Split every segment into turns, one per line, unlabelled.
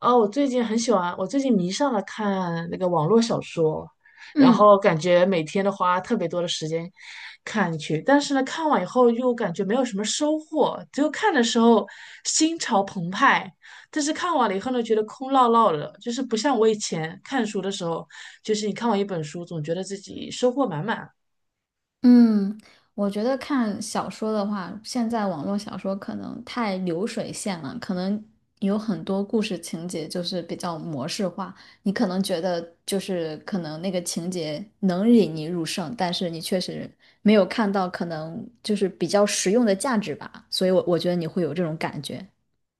哦，我最近很喜欢，我最近迷上了看那个网络小说，然
嗯
后感觉每天都花特别多的时间看去，但是呢，看完以后又感觉没有什么收获，只有看的时候心潮澎湃，但是看完了以后呢，觉得空落落的，就是不像我以前看书的时候，就是你看完一本书，总觉得自己收获满满。
嗯，我觉得看小说的话，现在网络小说可能太流水线了，可能有很多故事情节就是比较模式化。你可能觉得就是可能那个情节能引你入胜，但是你确实没有看到可能就是比较实用的价值吧，所以我觉得你会有这种感觉。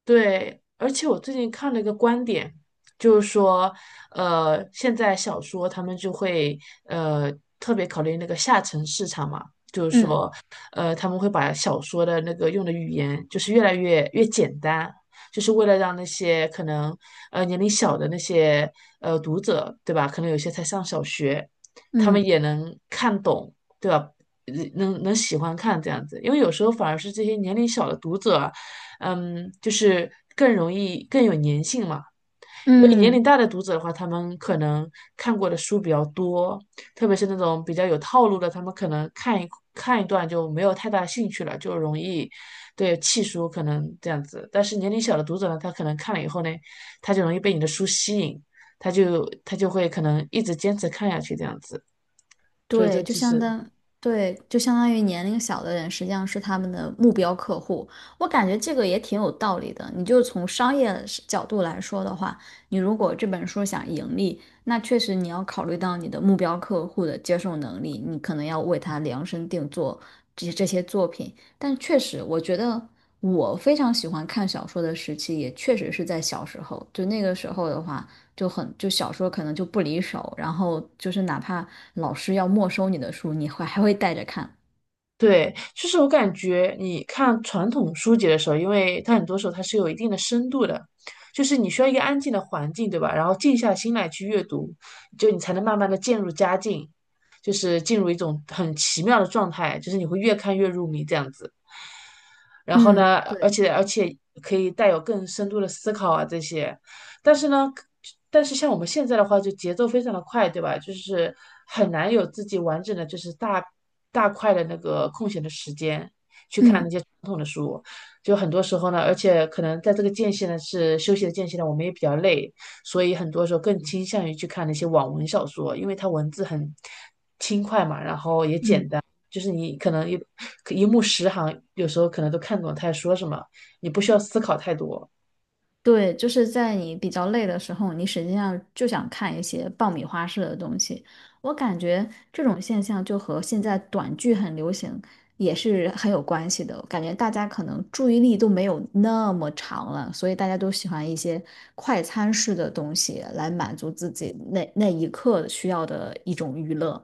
对，而且我最近看了一个观点，就是说，现在小说他们就会呃特别考虑那个下沉市场嘛，
嗯
他们会把小说的那个用的语言就是越来越简单，就是为了让那些可能年龄小的那些读者，对吧？可能有些才上小学，他们
嗯
也能看懂，对吧？能喜欢看这样子，因为有时候反而是这些年龄小的读者，嗯，就是更容易更有粘性嘛。因为年龄
嗯。
大的读者的话，他们可能看过的书比较多，特别是那种比较有套路的，他们可能看一段就没有太大兴趣了，就容易对弃书，可能这样子。但是年龄小的读者呢，他可能看了以后呢，他就容易被你的书吸引，他就会可能一直坚持看下去这样子。所以
对，
这
就
就
相
是
当，对，就相当于年龄小的人实际上是他们的目标客户。我感觉这个也挺有道理的。你就从商业是角度来说的话，你如果这本书想盈利，那确实你要考虑到你的目标客户的接受能力，你可能要为他量身定做这些作品。但确实，我觉得我非常喜欢看小说的时期，也确实是在小时候。就那个时候的话。就小说可能就不离手，然后就是哪怕老师要没收你的书，你会还会带着看。
对，就是我感觉你看传统书籍的时候，因为它很多时候它是有一定的深度的，就是你需要一个安静的环境，对吧？然后静下心来去阅读，就你才能慢慢的渐入佳境，就是进入一种很奇妙的状态，就是你会越看越入迷这样子。然后
嗯
呢，而
对。
且而且可以带有更深度的思考啊这些。但是呢，但是像我们现在的话，就节奏非常的快，对吧？就是很难有自己完整的，就是大块的那个空闲的时间。
嗯
统的书，就很多时候呢，而且可能在这个间隙呢，是休息的间隙呢，我们也比较累，所以很多时候更倾向于去看那些网文小说，因为它文字很轻快嘛，然后也简
嗯
单，就是你可能一目十行，有时候可能都看懂他在说什么，你不需要思考太多。
对，就是在你比较累的时候，你实际上就想看一些爆米花式的东西。我感觉这种现象就和现在短剧很流行也是很有关系的。感觉大家可能注意力都没有那么长了，所以大家都喜欢一些快餐式的东西来满足自己那一刻需要的一种娱乐。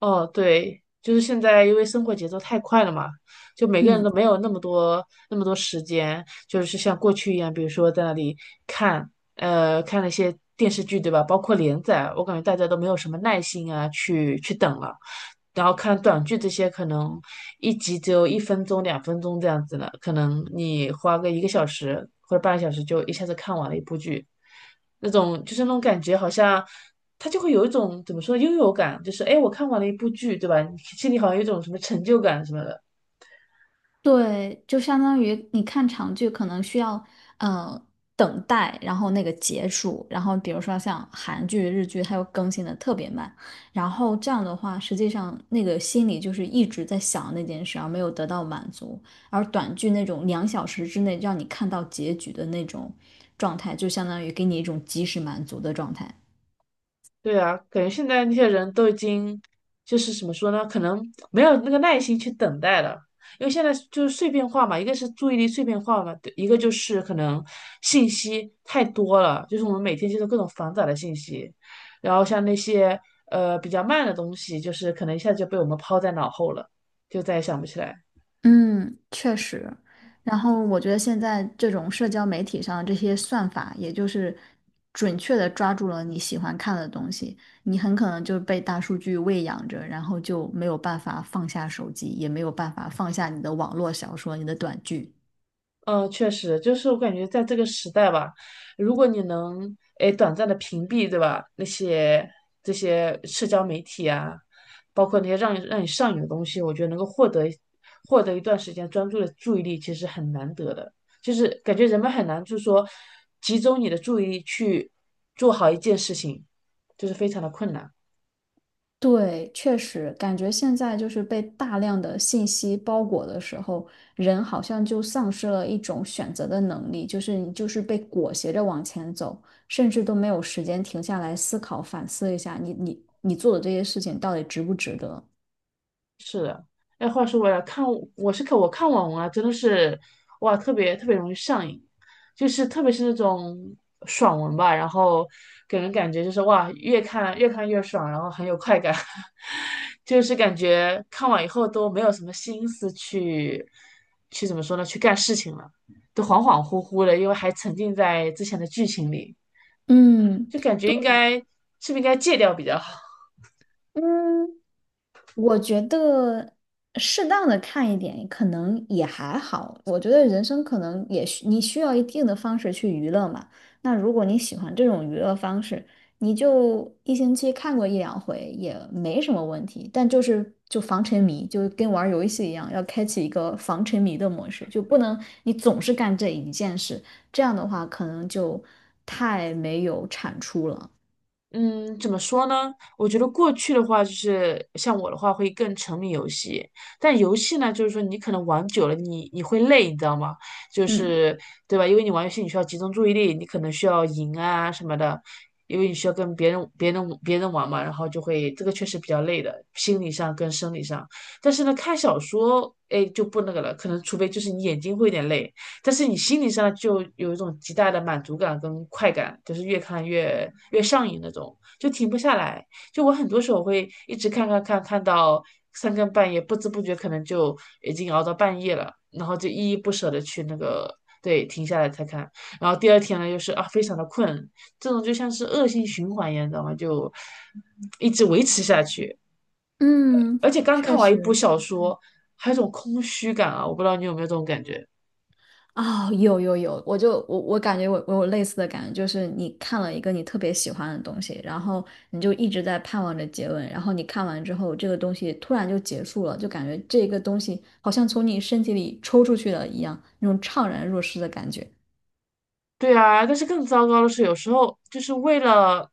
哦，对，就是现在，因为生活节奏太快了嘛，就每个人都
嗯，
没有那么多时间，就是像过去一样，比如说在那里看，看那些电视剧，对吧？包括连载，我感觉大家都没有什么耐心啊，去等了。然后看短剧这些，可能一集只有一分钟、两分钟这样子的，可能你花个一个小时或者半个小时就一下子看完了一部剧。那种就是那种感觉，好像他就会有一种怎么说优越感，就是哎，诶我看完了一部剧，对吧？你心里好像有一种什么成就感什么的。
对，就相当于你看长剧可能需要呃等待，然后那个结束，然后比如说像韩剧、日剧，它又更新的特别慢，然后这样的话，实际上那个心里就是一直在想那件事，而没有得到满足。而短剧那种2小时之内让你看到结局的那种状态，就相当于给你一种及时满足的状态。
对啊，感觉现在那些人都已经就是怎么说呢？可能没有那个耐心去等待了，因为现在就是碎片化嘛，一个是注意力碎片化嘛，对一个就是可能信息太多了，就是我们每天接受各种繁杂的信息，然后像那些比较慢的东西，就是可能一下子就被我们抛在脑后了，就再也想不起来了
嗯，确实。然后我觉得现在这种社交媒体上这些算法，也就是准确的抓住了你喜欢看的东西，你很可能就被大数据喂养着，然后就没有办法放下手机，也没有办法放下你的网络小说、你的短剧。
嗯，确实，就是我感觉在这个时代吧，如果你能诶短暂的屏蔽，对吧？那些这些社交媒体啊，包括那些让你上瘾的东西，我觉得能够获得一段时间专注的注意力，其实很难得的。就是感觉人们很难，就是说集中你的注意力去做好一件事情，就是非常的困难。
对，确实感觉现在就是被大量的信息包裹的时候，人好像就丧失了一种选择的能力，就是你就是被裹挟着往前走，甚至都没有时间停下来思考、反思一下你做的这些事情到底值不值得。
哎，话说回来，看我是看我看网文啊，真的是哇，特别特别容易上瘾，就是特别是那种爽文吧，然后给人感觉就是哇，越看越爽，然后很有快感，就是感觉看完以后都没有什么心思去怎么说呢，去干事情了，都恍恍惚惚的，因为还沉浸在之前的剧情里，
嗯，
就感觉
对。
应该是不是应该戒掉比较好。
嗯，我觉得适当的看一点，可能也还好。我觉得人生可能也你需要一定的方式去娱乐嘛。那如果你喜欢这种娱乐方式，你就一星期看过一两回也没什么问题。但就是就防沉迷，就跟玩儿游戏一样，要开启一个防沉迷的模式，就不能你总是干这一件事，这样的话可能就太没有产出了。
嗯，怎么说呢？我觉得过去的话，就是像我的话，会更沉迷游戏。但游戏呢，就是说你可能玩久了你会累，你知道吗？就
嗯，
是对吧？因为你玩游戏，你需要集中注意力，你可能需要赢啊什么的，因为你需要跟别人玩嘛，然后就会这个确实比较累的，心理上跟生理上。但是呢，看小说，哎，就不那个了，可能除非就是你眼睛会有点累，但是你心理上就有一种极大的满足感跟快感，就是越看越上瘾那种，就停不下来。就我很多时候会一直看，看到三更半夜，不知不觉可能就已经熬到半夜了，然后就依依不舍的去那个对停下来才看，然后第二天呢又是啊非常的困，这种就像是恶性循环一样，你知道吗？就一直维持下去。
嗯。
而且刚看
确
完一部
实。
小说，还有一种空虚感啊，我不知道你有没有这种感觉。
哦，有有有，我感觉我有类似的感觉，就是你看了一个你特别喜欢的东西，然后你就一直在盼望着结尾，然后你看完之后，这个东西突然就结束了，就感觉这个东西好像从你身体里抽出去了一样，那种怅然若失的感觉。
对啊，但是更糟糕的是，有时候就是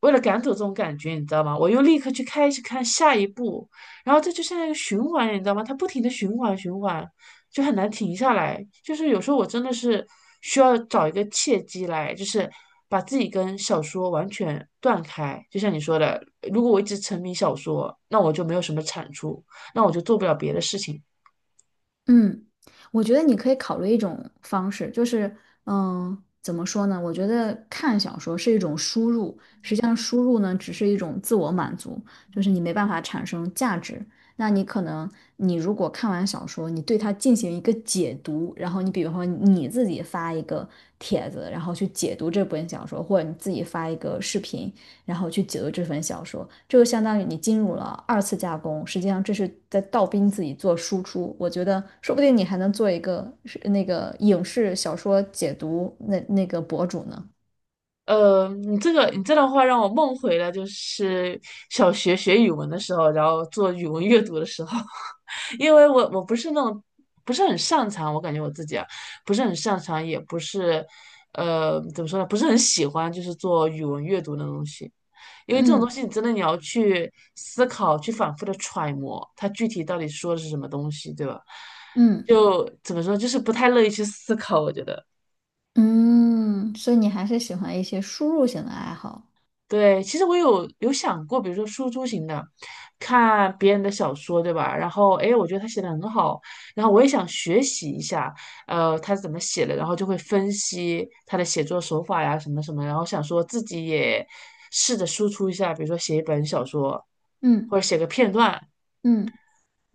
为了赶走这种感觉，你知道吗？我又立刻去开始看下一部，然后这就像一个循环，你知道吗？它不停的循环，就很难停下来。就是有时候我真的是需要找一个契机来，就是把自己跟小说完全断开。就像你说的，如果我一直沉迷小说，那我就没有什么产出，那我就做不了别的事情。
嗯，我觉得你可以考虑一种方式，就是，嗯，怎么说呢？我觉得看小说是一种输入，实际上输入呢，只是一种自我满足，就是你没办法产生价值。那你可能，你如果看完小说，你对它进行一个解读，然后你比如说你自己发一个帖子，然后去解读这本小说，或者你自己发一个视频，然后去解读这本小说，这就相当于你进入了二次加工，实际上这是在倒逼自己做输出。我觉得说不定你还能做一个是那个影视小说解读那个博主呢。
你这段话让我梦回了，就是小学学语文的时候，然后做语文阅读的时候，因为我不是那种不是很擅长，我感觉我自己啊不是很擅长，也不是怎么说呢，不是很喜欢就是做语文阅读那种东西，因为这种东
嗯
西你真的你要去思考，去反复的揣摩它具体到底说的是什么东西，对吧？
嗯
就怎么说，就是不太乐意去思考，我觉得。
嗯，所以你还是喜欢一些输入型的爱好。
对，其实我有想过，比如说输出型的，看别人的小说，对吧？然后，哎，我觉得他写的很好，然后我也想学习一下，他是怎么写的，然后就会分析他的写作手法呀，什么什么，然后想说自己也试着输出一下，比如说写一本小说，或
嗯
者写个片段，
嗯，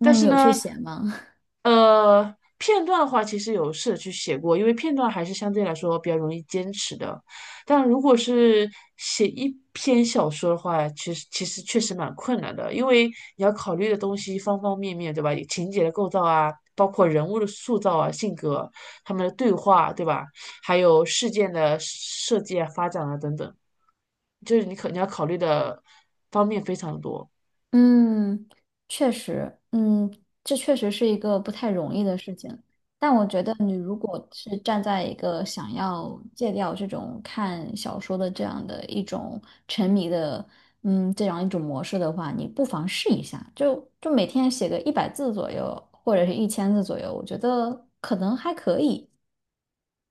但
你
是
有去
呢，
写吗？
呃，片段的话，其实有试着去写过，因为片段还是相对来说比较容易坚持的。但如果是写一篇小说的话，其实确实蛮困难的，因为你要考虑的东西方方面面，对吧？情节的构造啊，包括人物的塑造啊、性格、他们的对话，对吧？还有事件的设计啊、发展啊等等，就是你要考虑的方面非常多。
嗯，确实，嗯，这确实是一个不太容易的事情。但我觉得，你如果是站在一个想要戒掉这种看小说的这样的一种沉迷的，嗯，这样一种模式的话，你不妨试一下，就每天写个100字左右，或者是1000字左右，我觉得可能还可以。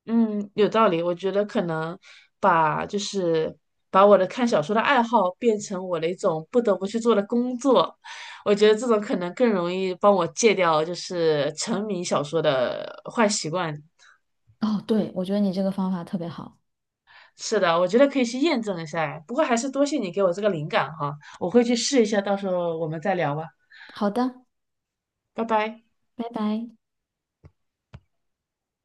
嗯，有道理。我觉得可能把就是把我的看小说的爱好变成我的一种不得不去做的工作，我觉得这种可能更容易帮我戒掉就是沉迷小说的坏习惯。
哦，对，我觉得你这个方法特别好。
是的，我觉得可以去验证一下哎。不过还是多谢你给我这个灵感哈，我会去试一下，到时候我们再聊吧。
好的，
拜拜。
拜拜。